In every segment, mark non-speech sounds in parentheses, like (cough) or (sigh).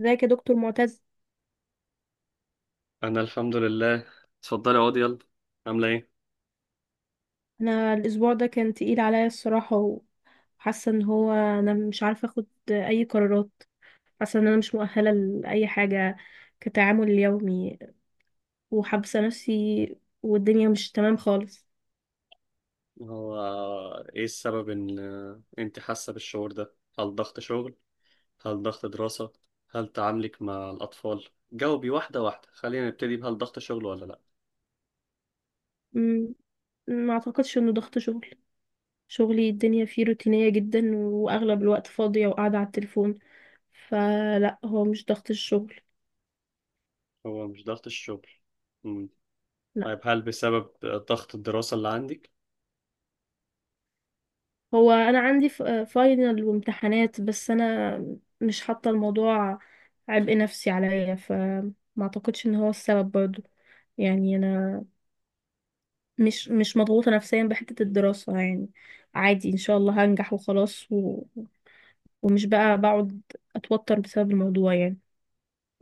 ازيك يا دكتور معتز. انا الحمد لله. اتفضلي اقعدي يلا. عامله ايه؟ انا الاسبوع ده كان تقيل عليا الصراحه، وحاسه ان هو انا مش عارفه اخد اي قرارات. حاسه ان انا مش مؤهله لاي حاجه كتعامل يومي، وحابسه نفسي، والدنيا مش تمام خالص. هو ايه السبب ان انت حاسه بالشعور ده؟ هل ضغط شغل؟ هل ضغط دراسه؟ هل تعاملك مع الاطفال؟ جاوبي واحده واحده، خلينا نبتدي بهل ضغط شغل ولا لا. مم، ما اعتقدش انه ضغط شغل. شغلي الدنيا فيه روتينيه جدا واغلب الوقت فاضيه وقاعده على التليفون، فلا هو مش ضغط الشغل. هو مش ضغط الشغل. امم لا، طيب، هل بسبب ضغط الدراسه اللي عندك؟ هو انا عندي فاينل وامتحانات، بس انا مش حاطه الموضوع عبء نفسي عليا، فما اعتقدش ان هو السبب برضو. يعني انا مش مضغوطه نفسيا بحته الدراسه يعني. عادي، ان شاء الله هنجح وخلاص، و... ومش بقى بقعد اتوتر بسبب الموضوع يعني.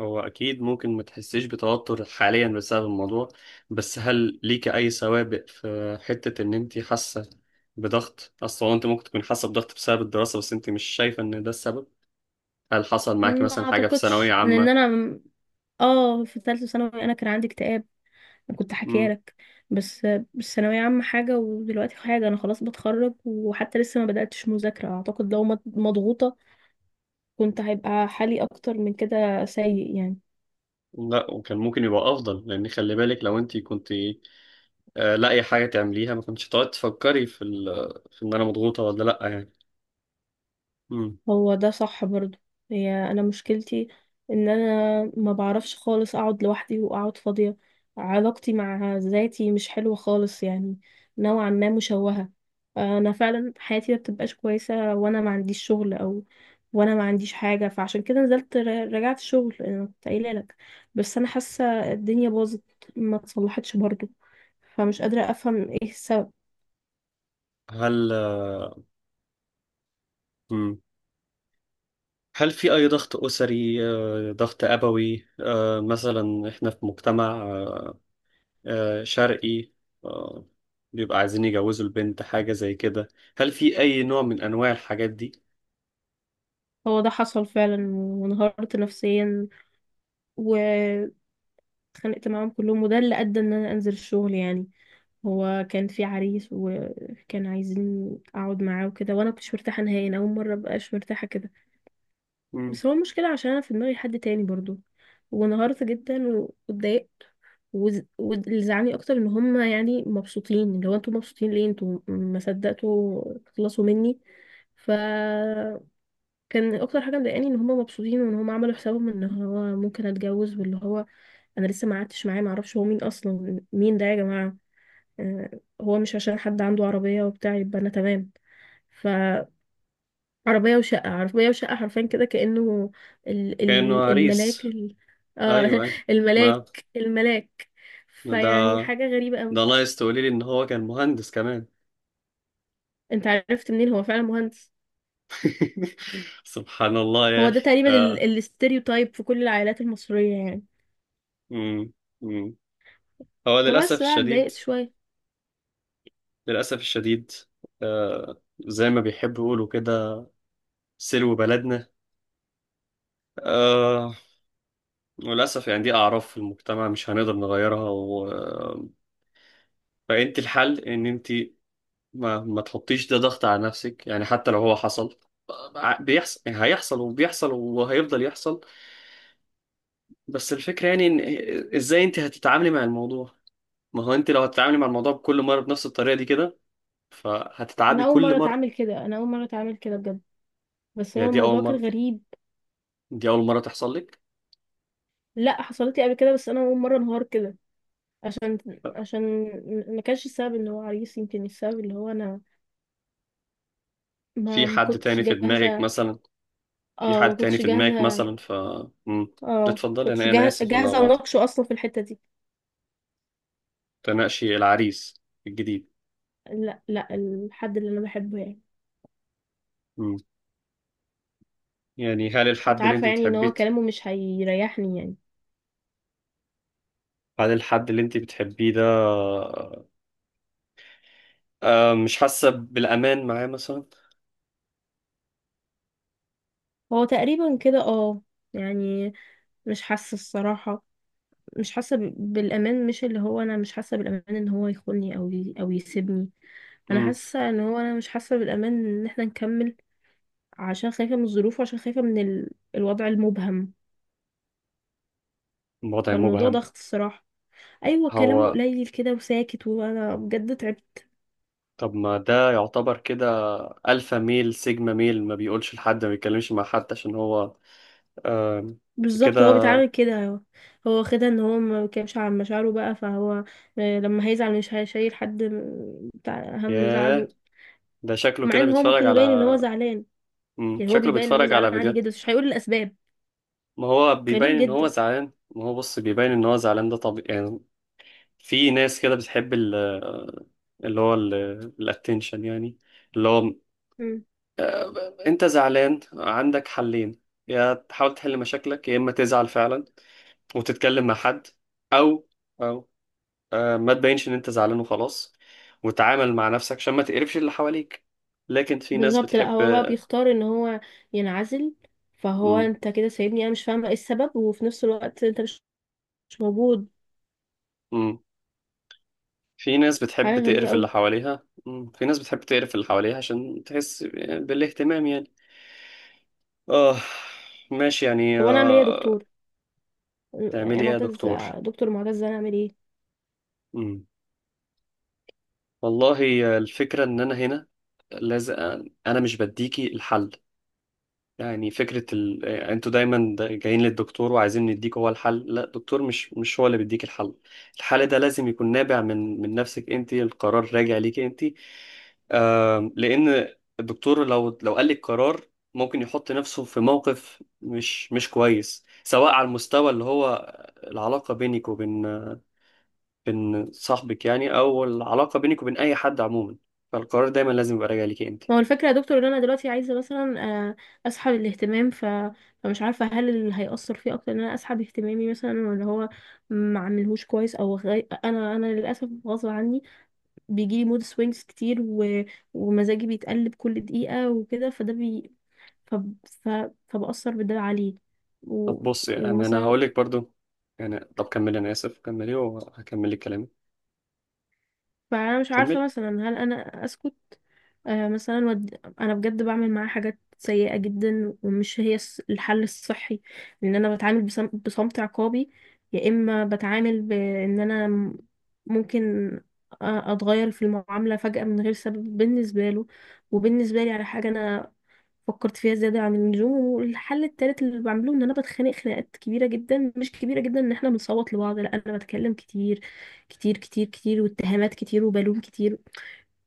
هو أكيد ممكن ما تحسيش بتوتر حاليا بسبب الموضوع، بس هل ليك أي سوابق في حتة إن أنت حاسة بضغط أصلا؟ أنت ممكن تكون حاسة بضغط بسبب الدراسة بس أنت مش شايفة إن ده السبب. هل حصل معاكي ما مثلا حاجة في ثانوية اعتقدش، لان عامة؟ انا اه، في ثالثه ثانوي انا كان عندي اكتئاب، كنت حكيها مم. لك. بس ثانوية عامة حاجة ودلوقتي حاجة. أنا خلاص بتخرج وحتى لسه ما بدأتش مذاكرة. أعتقد لو مضغوطة كنت هيبقى حالي أكتر من كده سيء يعني. لا، وكان ممكن يبقى أفضل لأن خلي بالك لو أنت كنت لاقي حاجة تعمليها ما كنتش تقعد تفكري في إن أنا مضغوطة ولا لأ يعني. مم. هو ده صح برضو. هي انا مشكلتي ان انا ما بعرفش خالص اقعد لوحدي واقعد فاضية. علاقتي مع ذاتي مش حلوة خالص يعني، نوعا ما مشوهة. انا فعلا حياتي ما بتبقاش كويسة وانا ما عنديش شغل او وانا ما عنديش حاجة، فعشان كده نزلت رجعت شغل، انا كنت قايلة لك. بس انا حاسة الدنيا باظت، ما اتصلحتش برضو، فمش قادرة افهم ايه السبب. هل آه، مم. هل في أي ضغط أسري، ضغط أبوي؟ مثلا إحنا في مجتمع شرقي، آه، بيبقى عايزين يجوزوا البنت حاجة زي كده. هل في أي نوع من أنواع الحاجات دي؟ هو ده حصل فعلا وانهارت نفسيا. اتخانقت معاهم كلهم، وده اللي ادى ان انا انزل الشغل يعني. هو كان في عريس وكان عايزين اقعد معاه وكده، وانا مكنتش مرتاحه نهائي. انا اول مره مبقاش مرتاحه كده. مم. بس هو المشكله عشان انا في دماغي حد تاني برضو، وانهارت جدا واتضايقت. وز- واللي زعلني اكتر ان هم يعني مبسوطين، اللي هو انتوا مبسوطين ليه؟ انتوا ما صدقتوا تخلصوا مني. فكان اكتر حاجه مضايقاني ان هم مبسوطين وان هم عملوا حسابهم ان هو ممكن اتجوز، واللي هو انا لسه ما قعدتش معاه. ما اعرفش هو مين اصلا، مين ده يا جماعه؟ آه، هو مش عشان حد عنده عربيه وبتاع يبقى انا تمام. فعربيه وشقه، عربيه وشقه، حرفيا كده كانه ال كأنه ال عريس. الملاك ال، آه، أيوه، أيوه. (laughs) الملاك ما الملاك. ما ده فيعني حاجه غريبه قوي. ده ناقص تقولي لي إن هو كان مهندس كمان. انت عرفت منين هو فعلا مهندس؟ (laughs) سبحان الله يا هو ده أخي. تقريبا آه. الاستيريوتايب في كل العائلات المصريه يعني. مم. مم. هو للأسف فبس بقى الشديد. اتضايقت شويه. للأسف الشديد. زي ما بيحبوا يقولوا كده، سلو بلدنا. آه للأسف يعني دي أعراف في المجتمع مش هنقدر نغيرها. فأنت الحل إن أنت ما تحطيش ده ضغط على نفسك، يعني حتى لو هو حصل بيحصل، يعني هيحصل وبيحصل وهيفضل يحصل. بس الفكرة يعني إن إزاي أنت هتتعاملي مع الموضوع؟ ما هو أنت لو هتتعاملي مع الموضوع بكل مرة بنفس الطريقة دي كده فهتتعبي انا اول كل مره مرة. اتعامل كده، انا اول مره اتعامل كده بجد، بس هي هو دي أول الموضوع مرة؟ كان غريب. دي أول مرة تحصل لك؟ لا، حصلت لي قبل كده، بس انا اول مره انهار كده. عشان عشان ما كانش السبب اللي هو عريس، يمكن السبب اللي هو انا ما في ما حد كنتش تاني في دماغك جاهزه. مثلا؟ في اه، حد ما تاني كنتش في دماغك جاهزه. مثلا؟ مم. اه، اتفضلي، كنتش أنا آسف. ولا جاهزه اناقشه اصلا في الحته دي. تناقشي العريس الجديد؟ لا، الحد اللي انا بحبه يعني. مم. يعني مش كنت عارفه يعني ان هو كلامه مش هيريحني يعني. هل الحد اللي انت بتحبيه ده مش حاسة بالأمان معاه مثلا؟ هو تقريبا كده اه. يعني مش حاسه الصراحه، مش حاسه بالامان. مش اللي هو انا مش حاسه بالامان ان هو يخوني او يسيبني. انا مم. حاسه ان هو انا مش حاسه بالامان ان احنا نكمل، عشان خايفه من الظروف وعشان خايفه من ال... الوضع المبهم. الوضع فالموضوع مبهم. ضغط الصراحه. ايوه، كلامه هو، قليل كده وساكت، وانا بجد تعبت. طب ما ده يعتبر كده ألفا ميل سيجما ميل، ما بيقولش لحد، ما بيتكلمش مع حد، عشان هو آم، كده. بالظبط، هو بيتعامل كده. هو واخدها ان هو ما بيتكلمش عن مشاعره بقى، فهو آه، لما هيزعل مش هيشيل حد بتاع هم ياه، زعله، ده شكله مع كده ان هو ممكن بيتفرج على... يبين ان هو زعلان. يعني هو شكله بيبين ان هو بيتفرج على زعلان عادي فيديوهات. جدا، بس مش هيقول الاسباب. ما هو بيبين غريب ان هو جدا. زعلان، ما هو بص بيبين ان هو زعلان ده طبيعي يعني. في ناس كده بتحب اللي هو الاتنشن يعني، اللي هو انت زعلان عندك حلين: يا تحاول تحل مشاكلك يا اما تزعل فعلا وتتكلم مع حد، او او ما تبينش ان انت زعلان وخلاص وتعامل مع نفسك عشان ما تقرفش اللي حواليك. لكن في ناس بالظبط، لا، بتحب هو بقى بيختار ان هو ينعزل. فهو مم. انت كده سايبني انا مش فاهمه ايه السبب، وفي نفس الوقت انت مش موجود. مم. في ناس بتحب حاجه غريبه تقرف اللي قوي. حواليها مم. في ناس بتحب تقرف اللي حواليها عشان تحس بالاهتمام يعني. اه، ماشي يعني. طب انا اعمل ايه يا آه. دكتور؟ يا تعملي ايه يا معتز، دكتور؟ دكتور معتز، انا اعمل ايه؟ امم والله، الفكره ان انا هنا لازم... انا مش بديكي الحل. يعني فكره ال... انتوا دايما جايين للدكتور وعايزين نديك هو الحل. لا، الدكتور مش هو اللي بيديك الحل. الحل ده لازم يكون نابع من نفسك، انت القرار راجع ليكي انت. لان الدكتور لو قال لك قرار، ممكن يحط نفسه في موقف مش كويس، سواء على المستوى اللي هو العلاقه بينك وبين صاحبك يعني، او العلاقه بينك وبين اي حد عموما. فالقرار دايما لازم يبقى راجع ليك انت. ما هو الفكره يا دكتور ان انا دلوقتي عايزه مثلا آه، اسحب الاهتمام، ف... فمش عارفه هل اللي هيأثر فيه اكتر ان انا اسحب اهتمامي مثلا، ولا هو ما عملهوش كويس. او انا للاسف غصب عني بيجيلي مود سوينجز كتير، و... ومزاجي بيتقلب كل دقيقة وكده، فده بي... ف... ف... فبأثر بده عليه. طب و... بص، يعني انا ومثلا هقول لك برضو يعني... طب كملي، انا اسف، كملي وهكمل لك كلامي. فأنا مش عارفة كمل. مثلا هل أنا أسكت؟ آه مثلا ود... أنا بجد بعمل معاه حاجات سيئة جدا، ومش هي الحل الصحي. لأن أنا بتعامل بصمت عقابي، يا إما بتعامل بإن أنا ممكن أتغير في المعاملة فجأة من غير سبب بالنسبة له، وبالنسبة لي على حاجة أنا فكرت فيها زيادة عن اللزوم. والحل التالت اللي بعمله ان انا بتخانق خناقات كبيرة جدا. مش كبيرة جدا ان احنا بنصوت لبعض، لا، انا بتكلم كتير، كتير واتهامات كتير وبلوم كتير.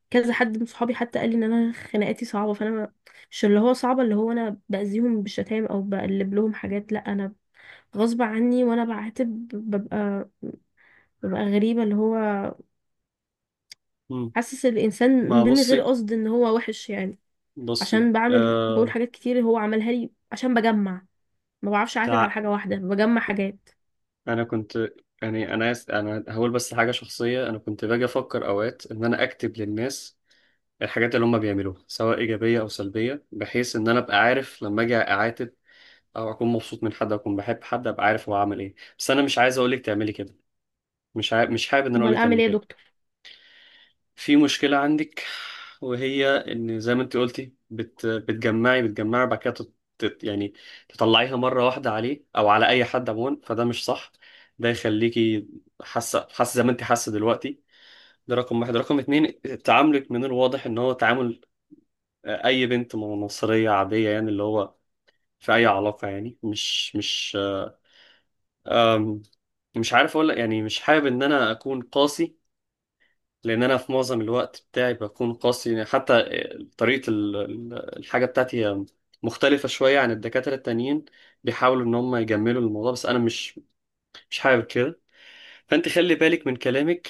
كذا حد من صحابي حتى قال لي ان انا خناقاتي صعبة. فانا ما- مش اللي هو صعبة اللي هو انا باذيهم بالشتايم او بقلب لهم حاجات، لا، انا غصب عني وانا بعاتب ببقى غريبة، اللي هو مم. حاسس الانسان ما من غير بصي، قصد ان هو وحش يعني. بصي عشان بعمل حاجات كتير هو عملها لي، عشان بجمع. ما بعرفش اعتمد على تع... حاجه واحده، بجمع حاجات. انا كنت يعني انا هقول بس حاجه شخصيه. انا كنت باجي افكر اوقات ان انا اكتب للناس الحاجات اللي هم بيعملوها سواء ايجابيه او سلبيه، بحيث ان انا ابقى عارف لما اجي اعاتب او اكون مبسوط من حد اكون بحب حد، ابقى عارف هو عمل ايه. بس انا مش عايز اقولك تعملي كده، مش حابب ان انا امال اقولك اعمل تعملي ايه يا كده. دكتور؟ في مشكلة عندك، وهي ان زي ما انت قلتي، بتجمعي بعد كده يعني تطلعيها مرة واحدة عليه او على اي حد عموما، فده مش صح. ده يخليكي حاسة زي ما انت حاسة دلوقتي. ده رقم واحد. رقم اتنين: تعاملك من الواضح ان هو تعامل اي بنت مصرية عادية يعني، اللي هو في اي علاقة يعني. أم، مش عارف اقول لك يعني، مش حابب ان انا اكون قاسي، لان انا في معظم الوقت بتاعي بكون قاسي يعني. حتى طريقة الحاجة بتاعتي هي مختلفة شوية عن الدكاترة التانيين، بيحاولوا ان هم يجملوا الموضوع بس انا مش حابب كده. فانت خلي بالك من كلامك،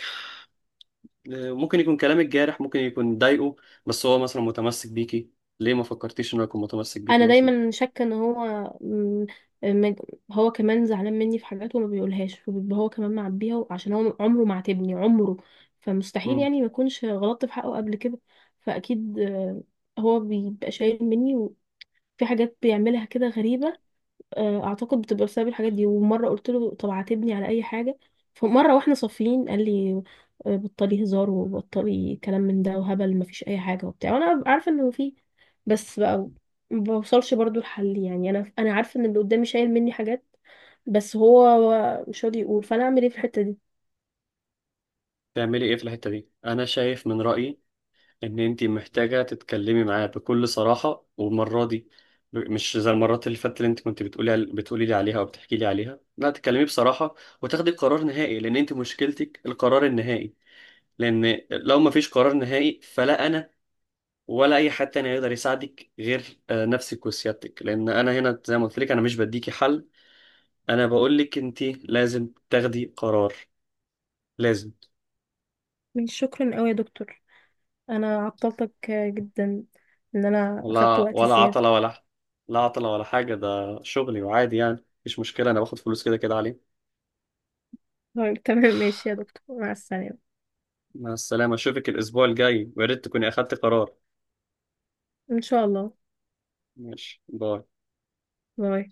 ممكن يكون كلامك جارح، ممكن يكون ضايقه، بس هو مثلا متمسك بيكي. ليه ما فكرتيش انه يكون متمسك بيكي انا مثلا؟ دايما شاكه ان هو م- م- هو كمان زعلان مني في حاجات وما بيقولهاش، وبيبقى هو كمان معبيها، عشان هو عمره ما عاتبني عمره، فمستحيل مم. يعني ما اكونش غلطت في حقه قبل كده. فاكيد آه، هو بيبقى شايل مني، وفي حاجات بيعملها كده غريبه. آه، اعتقد بتبقى بسبب الحاجات دي. ومره قلت له طب عاتبني على اي حاجه، فمره واحنا صافيين قال لي آه، بطلي هزار وبطلي كلام من ده وهبل، مفيش اي حاجه وبتاع. وانا عارفه انه فيه، بس بقى ما بوصلش برضو لحل يعني. انا عارفه ان اللي قدامي شايل مني حاجات، بس هو مش راضي يقول، فانا اعمل ايه في الحته دي؟ تعملي ايه في الحتة دي؟ انا شايف من رأيي ان انتي محتاجة تتكلمي معاه بكل صراحة، والمرة دي مش زي المرات اللي فاتت اللي انت كنت بتقولي بتقولي لي عليها او بتحكي لي عليها. لا، تتكلمي بصراحة وتاخدي قرار نهائي، لان انت مشكلتك القرار النهائي. لان لو ما فيش قرار نهائي فلا انا ولا اي حد تاني هيقدر يساعدك، غير نفسك وسيادتك. لان انا هنا زي ما قلت لك، انا مش بديكي حل، انا بقول لك انت لازم تاخدي قرار. لازم. مش شكرا قوي يا دكتور، انا عطلتك آه، جدا، ان انا اخدت ولا وقت ولا زياده. عطلة ولا لا عطلة ولا حاجة، ده شغلي وعادي يعني مفيش مشكلة. أنا باخد فلوس كده كده عليه. طيب، تمام، ماشي يا دكتور، مع السلامه. مع السلامة. أشوفك الأسبوع الجاي ويا ريت تكوني أخدت قرار. ان شاء الله. ماشي. باي. باي.